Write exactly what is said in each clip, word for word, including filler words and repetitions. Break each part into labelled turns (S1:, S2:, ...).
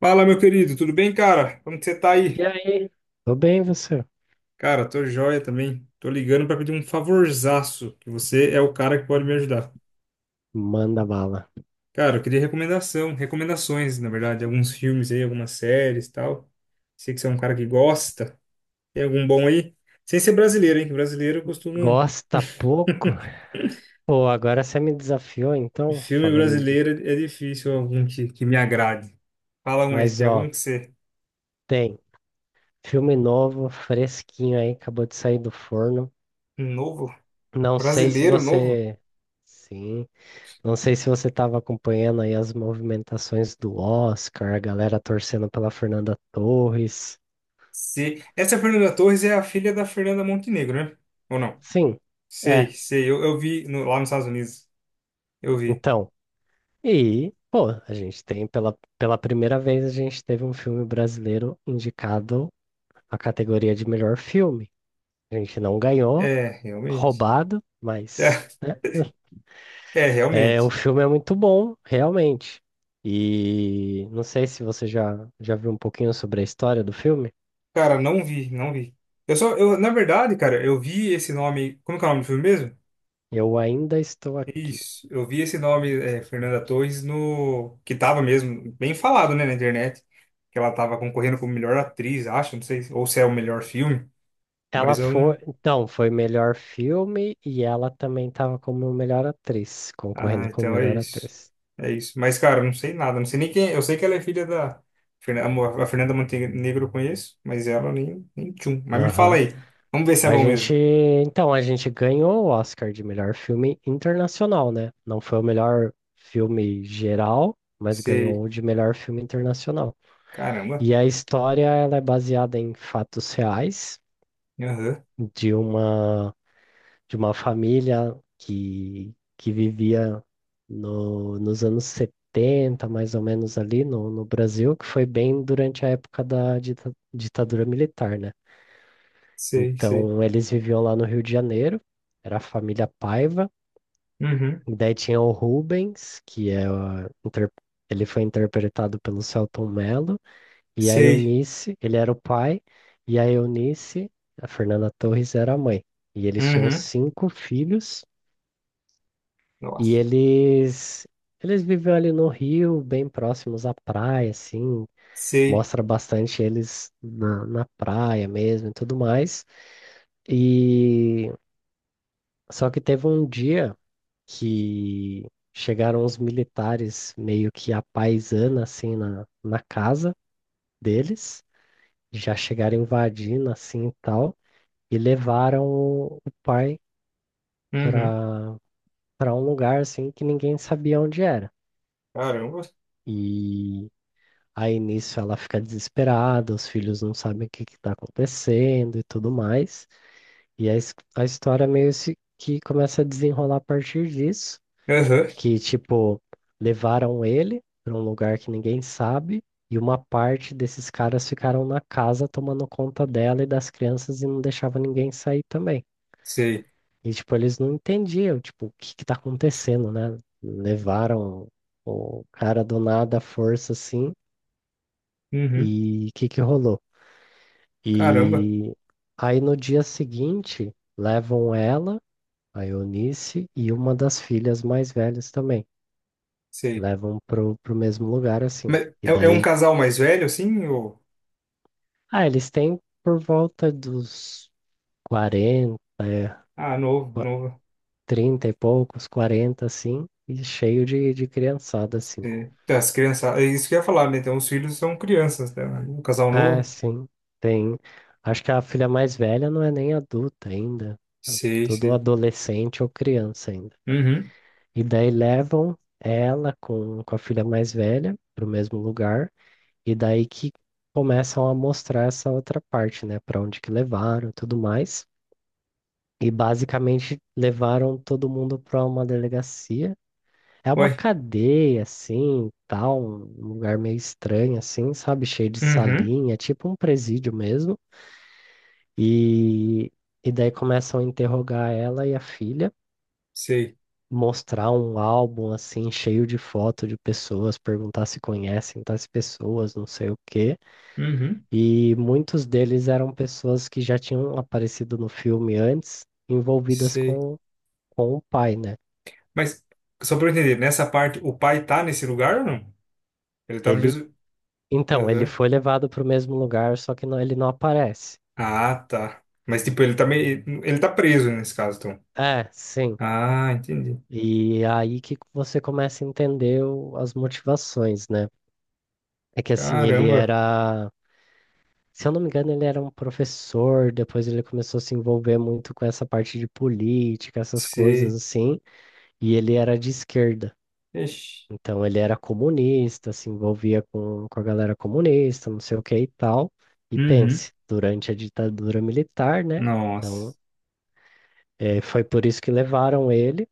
S1: Fala, meu querido, tudo bem, cara? Como que você tá
S2: E
S1: aí?
S2: aí? Tô bem, você?
S1: Cara, tô joia também. Tô ligando pra pedir um favorzaço, que você é o cara que pode me ajudar.
S2: Manda bala.
S1: Cara, eu queria recomendação, recomendações, na verdade, alguns filmes aí, algumas séries e tal. Sei que você é um cara que gosta. Tem algum bom aí? Sem ser brasileiro, hein? Que brasileiro eu costumo.
S2: Gosta pouco? Pô, agora você me desafiou, então,
S1: Filme
S2: falando de...
S1: brasileiro é difícil algum que, que me agrade. Fala um aí,
S2: Mas,
S1: tem algum
S2: ó,
S1: que você.
S2: tem filme novo, fresquinho aí, acabou de sair do forno.
S1: Um novo?
S2: Não sei se
S1: Brasileiro novo?
S2: você... Sim. Não sei se você tava acompanhando aí as movimentações do Oscar, a galera torcendo pela Fernanda Torres.
S1: Sei. Essa Fernanda Torres é a filha da Fernanda Montenegro, né? Ou não?
S2: Sim,
S1: Sei,
S2: é.
S1: sei. Eu, eu vi no- lá nos Estados Unidos. Eu vi.
S2: Então, e, pô, a gente tem, pela, pela primeira vez, a gente teve um filme brasileiro indicado à categoria de melhor filme. A gente não ganhou,
S1: É, realmente.
S2: roubado, mas
S1: É, é,
S2: é, o
S1: realmente.
S2: filme é muito bom, realmente. E não sei se você já, já viu um pouquinho sobre a história do filme.
S1: Cara, não vi, não vi. Eu só, eu, na verdade, cara, eu vi esse nome. Como que é o nome do filme mesmo?
S2: Eu ainda estou aqui.
S1: Isso. Eu vi esse nome, é, Fernanda Torres, no. Que tava mesmo bem falado, né, na internet. Que ela tava concorrendo como melhor atriz, acho, não sei. Ou se é o melhor filme.
S2: Ela
S1: Mas eu não.
S2: foi, então, foi melhor filme e ela também estava como melhor atriz,
S1: Ah,
S2: concorrendo como
S1: então é
S2: melhor
S1: isso.
S2: atriz.
S1: É isso. Mas, cara, eu não sei nada. Não sei nem quem. Eu sei que ela é filha da. Fernan- A Fernanda Montenegro eu conheço, mas ela nem, nem tchum. Mas me fala
S2: Aham.
S1: aí. Vamos ver se é
S2: A
S1: bom
S2: gente,
S1: mesmo.
S2: então, a gente ganhou o Oscar de melhor filme internacional, né? Não foi o melhor filme geral, mas ganhou
S1: Sei.
S2: o de melhor filme internacional.
S1: Caramba.
S2: E a história, ela é baseada em fatos reais
S1: Aham.
S2: de uma de uma família que que vivia no, nos anos setenta mais ou menos ali no, no Brasil, que foi bem durante a época da dita- ditadura militar, né?
S1: Sei, sei.
S2: Então, eles viviam lá no Rio de Janeiro, era a família Paiva,
S1: Uhum.
S2: e daí tinha o Rubens, que é a inter- ele foi interpretado pelo Selton Mello, e a
S1: Sei.
S2: Eunice, ele era o pai, e a Eunice, a Fernanda Torres, era a mãe. E eles tinham
S1: Uhum.
S2: cinco filhos, e
S1: Nossa.
S2: eles eles viviam ali no Rio, bem próximos à praia, assim,
S1: Sei.
S2: mostra bastante eles na, na praia mesmo e tudo mais. E só que teve um dia que chegaram os militares meio que à paisana, assim, na, na casa deles, já chegaram invadindo, assim, e tal, e levaram o, o pai
S1: Uhum.
S2: para para um lugar, assim, que ninguém sabia onde era.
S1: Caramba.
S2: E aí, nisso, ela fica desesperada, os filhos não sabem o que que tá acontecendo e tudo mais, e a, his- a história meio se- que começa a desenrolar a partir disso,
S1: Aham.
S2: que, tipo, levaram ele para um lugar que ninguém sabe, e uma parte desses caras ficaram na casa tomando conta dela e das crianças e não deixava ninguém sair também.
S1: Sei.
S2: E, tipo, eles não entendiam, tipo, o que que tá acontecendo, né? Levaram o cara do nada à força, assim,
S1: Uhum.
S2: e o que que rolou?
S1: Caramba.
S2: E aí no dia seguinte, levam ela, a Eunice, e uma das filhas mais velhas também.
S1: Sei.
S2: Levam pro, pro mesmo lugar, assim.
S1: Mas
S2: E
S1: é, é um
S2: daí,
S1: casal mais velho, assim? Ou...
S2: ah, eles têm por volta dos quarenta é,
S1: Ah, novo,
S2: qua-
S1: novo.
S2: trinta e poucos, quarenta assim, e cheio de, de criançada, assim.
S1: É, as crianças, é isso que eu ia falar, né? Então, os filhos são crianças, né? Um casal
S2: Ah,
S1: novo?
S2: sim, tem. Acho que a filha mais velha não é nem adulta ainda. É
S1: Sei,
S2: tudo
S1: sei.
S2: adolescente ou criança ainda.
S1: Uhum.
S2: E daí levam ela com, com a filha mais velha pro mesmo lugar. E daí que começam a mostrar essa outra parte, né? Para onde que levaram e tudo mais. E basicamente levaram todo mundo para uma delegacia. É uma
S1: Ué.
S2: cadeia, assim, tal, um lugar meio estranho, assim, sabe? Cheio de
S1: Uhum.
S2: salinha, tipo um presídio mesmo. E, e daí começam a interrogar ela e a filha,
S1: Sei.
S2: mostrar um álbum, assim, cheio de foto de pessoas, perguntar se conhecem tais pessoas, não sei o quê.
S1: Uhum.
S2: E muitos deles eram pessoas que já tinham aparecido no filme antes, envolvidas
S1: Sei.
S2: com, com o pai, né?
S1: Mas, só pra eu entender, nessa parte, o pai tá nesse lugar ou não? Ele tá no
S2: Ele
S1: mesmo.
S2: Então, ele
S1: Aham.
S2: foi levado para o mesmo lugar, só que não- ele não aparece.
S1: Ah, tá. Mas, tipo, ele tá meio. Ele tá preso nesse caso, então.
S2: É, sim.
S1: Ah, entendi.
S2: E aí que você começa a entender o- as motivações, né? É que assim, ele
S1: Caramba.
S2: era, se eu não me engano, ele era um professor, depois ele começou a se envolver muito com essa parte de política, essas coisas
S1: Sei.
S2: assim, e ele era de esquerda.
S1: Ixi.
S2: Então, ele era comunista, se envolvia com, com a galera comunista, não sei o que e tal. E
S1: Uhum.
S2: pense, durante a ditadura militar, né?
S1: Nossa.
S2: Então, Eh, foi por isso que levaram ele,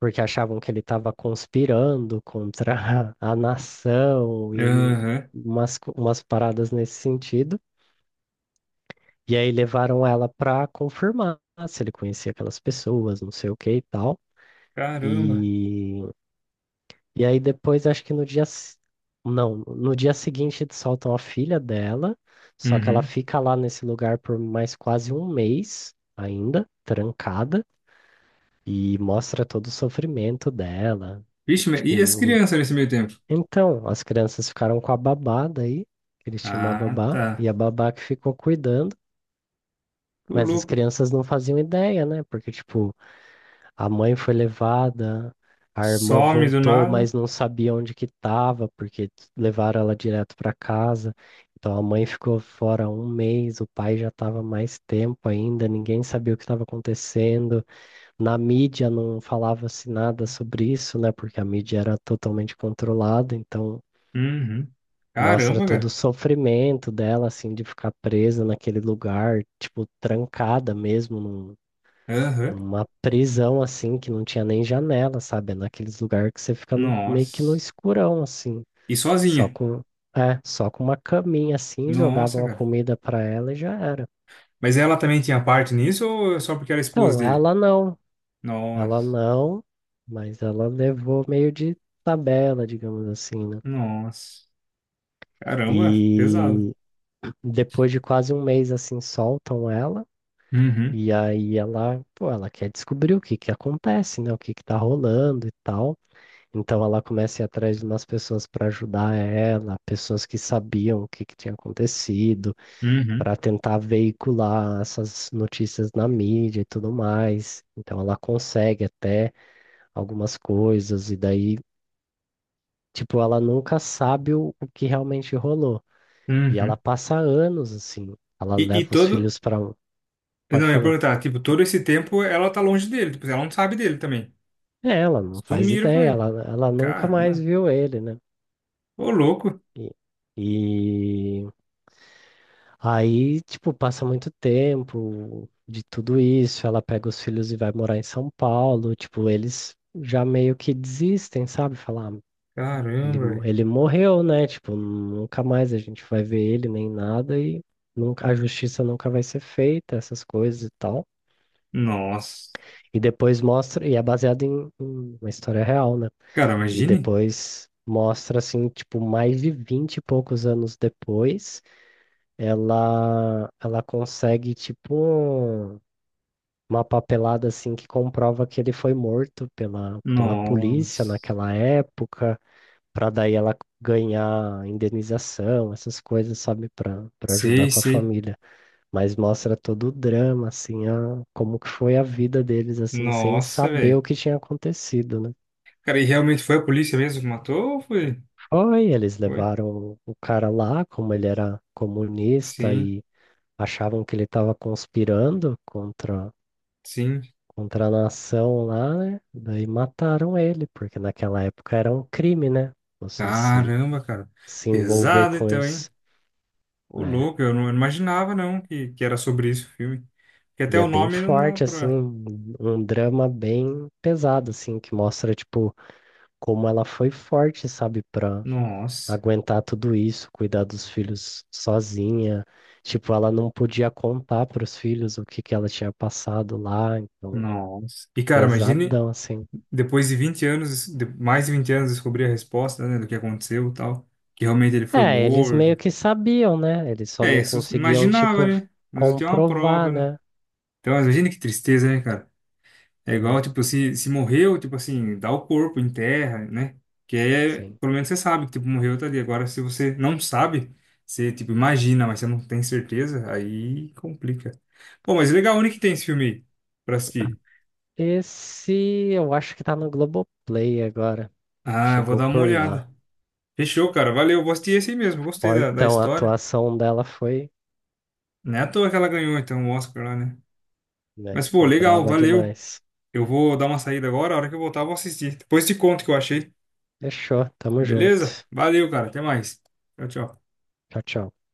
S2: porque achavam que ele estava conspirando contra a nação e n-
S1: Aham.
S2: umas, co- umas paradas nesse sentido. E aí levaram ela para confirmar se ele conhecia aquelas pessoas, não sei o que e tal.
S1: Caramba.
S2: E, e aí depois, acho que no dia. s- não, no dia seguinte eles soltam a filha dela, só que ela
S1: Uhum.
S2: fica lá nesse lugar por mais quase um mês ainda, trancada. E mostra todo o sofrimento dela.
S1: Vixe, mas e as
S2: Tipo,
S1: crianças nesse meio tempo?
S2: então, as crianças ficaram com a babá daí, que eles tinham uma
S1: Ah,
S2: babá,
S1: tá.
S2: e a babá que ficou cuidando,
S1: Ô,
S2: mas as
S1: louco.
S2: crianças não faziam ideia, né? Porque, tipo, a mãe foi levada, a irmã
S1: Some do
S2: voltou,
S1: nada.
S2: mas não sabia onde que tava, porque levaram ela direto para casa. Então a mãe ficou fora um mês, o pai já estava mais tempo ainda, ninguém sabia o que estava acontecendo. Na mídia não falava-se nada sobre isso, né? Porque a mídia era totalmente controlada, então
S1: Uhum.
S2: mostra
S1: Caramba,
S2: todo o
S1: cara.
S2: sofrimento dela, assim, de ficar presa naquele lugar, tipo, trancada mesmo, num-
S1: Aham.
S2: numa prisão, assim, que não tinha nem janela, sabe? É naqueles lugares que você fica no- meio que no
S1: Nossa.
S2: escurão, assim,
S1: E
S2: só
S1: sozinha.
S2: com, é, só com uma caminha, assim,
S1: Nossa,
S2: jogavam a
S1: cara.
S2: comida pra ela e já era.
S1: Mas ela também tinha parte nisso ou só porque era esposa
S2: Então,
S1: dele?
S2: ela não.
S1: Nossa.
S2: Ela não, mas ela levou meio de tabela, digamos assim, né?
S1: Nossa. Caramba, pesado.
S2: E depois de quase um mês assim, soltam ela.
S1: Uhum.
S2: E aí ela, pô, ela quer descobrir o que que acontece, né? O que que tá rolando e tal. Então ela começa a ir atrás de umas pessoas para ajudar ela, pessoas que sabiam o que que tinha acontecido,
S1: Uhum.
S2: para tentar veicular essas notícias na mídia e tudo mais. Então ela consegue até algumas coisas e daí tipo, ela nunca sabe o, o que realmente rolou. E ela
S1: Uhum.
S2: passa anos assim. Ela
S1: E, e
S2: leva os
S1: todo.
S2: filhos para.
S1: Eu não,
S2: Pode
S1: eu ia
S2: falar.
S1: perguntar, tipo, todo esse tempo ela tá longe dele. Tipo, ela não sabe dele também.
S2: É, ela não faz
S1: Sumiram com
S2: ideia.
S1: ele.
S2: Ela, ela nunca mais
S1: Caramba.
S2: viu ele, né?
S1: Ô, louco.
S2: E, e aí, tipo, passa muito tempo de tudo isso. Ela pega os filhos e vai morar em São Paulo. Tipo, eles já meio que desistem, sabe? Falar,
S1: Caramba,
S2: ele, mo-
S1: velho.
S2: ele morreu, né? Tipo, nunca mais a gente vai ver ele nem nada e nunca, a justiça nunca vai ser feita, essas coisas e tal.
S1: Nossa.
S2: E depois mostra, e é baseado em, em uma história real, né?
S1: Cara,
S2: E
S1: imagine.
S2: depois mostra, assim, tipo, mais de vinte e poucos anos depois, ela, ela consegue, tipo, uma papelada, assim, que comprova que ele foi morto pela, pela polícia
S1: Nossa.
S2: naquela época. Para daí ela ganhar indenização, essas coisas, sabe, para para ajudar
S1: Sei,
S2: com a
S1: sei.
S2: família. Mas mostra todo o drama, assim, a, como que foi a vida deles, assim, sem
S1: Nossa,
S2: saber o
S1: velho.
S2: que tinha acontecido, né?
S1: Cara, e realmente foi a polícia mesmo que matou ou foi?
S2: Foi, eles
S1: Foi.
S2: levaram o cara lá, como ele era comunista
S1: Sim,
S2: e achavam que ele estava conspirando contra
S1: sim.
S2: contra a nação lá, né? Daí mataram ele, porque naquela época era um crime, né? Você se
S1: Caramba, cara.
S2: se envolver
S1: Pesado
S2: com
S1: então, hein?
S2: isso.
S1: Ô,
S2: É.
S1: louco, eu não imaginava não que, que era sobre isso o filme. Porque
S2: E
S1: até
S2: é
S1: o
S2: bem
S1: nome não dá
S2: forte, assim,
S1: pra.
S2: um um drama bem pesado, assim, que mostra, tipo, como ela foi forte, sabe, pra
S1: Nossa,
S2: aguentar tudo isso, cuidar dos filhos sozinha. Tipo, ela não podia contar pros filhos o que que ela tinha passado lá, então,
S1: nossa. E, cara, imagine
S2: pesadão, assim.
S1: depois de vinte anos, de- mais de vinte anos, descobrir a resposta, né, do que aconteceu e tal. Que realmente ele foi
S2: É, eles
S1: morto.
S2: meio que sabiam, né? Eles só
S1: É
S2: não
S1: isso,
S2: conseguiam,
S1: imaginava,
S2: tipo,
S1: né? Mas não tinha uma
S2: comprovar,
S1: prova, né?
S2: né?
S1: Então, imagina que tristeza, né, cara? É
S2: É,
S1: igual, tipo, se, se morreu, tipo assim, dá o corpo, enterra, né? Que é,
S2: sim.
S1: pelo menos você sabe que, tipo, morreu, tá ali. Agora, se você não sabe, você, tipo, imagina, mas você não tem certeza, aí complica. Bom, mas legal, onde que tem esse filme aí pra assistir?
S2: Esse eu acho que tá no Globoplay agora.
S1: Ah, eu vou
S2: Chegou
S1: dar uma
S2: por
S1: olhada.
S2: lá.
S1: Fechou, cara, valeu, vou assistir esse aí mesmo, gostei da, da
S2: Fortão, a
S1: história.
S2: atuação dela foi,
S1: Não é à toa que ela ganhou, então, o Oscar lá, né?
S2: né?
S1: Mas, pô,
S2: Foi
S1: legal,
S2: braba
S1: valeu.
S2: demais.
S1: Eu vou dar uma saída agora, a hora que eu voltar, eu vou assistir. Depois te conto o que eu achei.
S2: Fechou, tamo
S1: Beleza?
S2: junto.
S1: Valeu, cara. Até mais. Tchau, tchau.
S2: Tchau, tchau.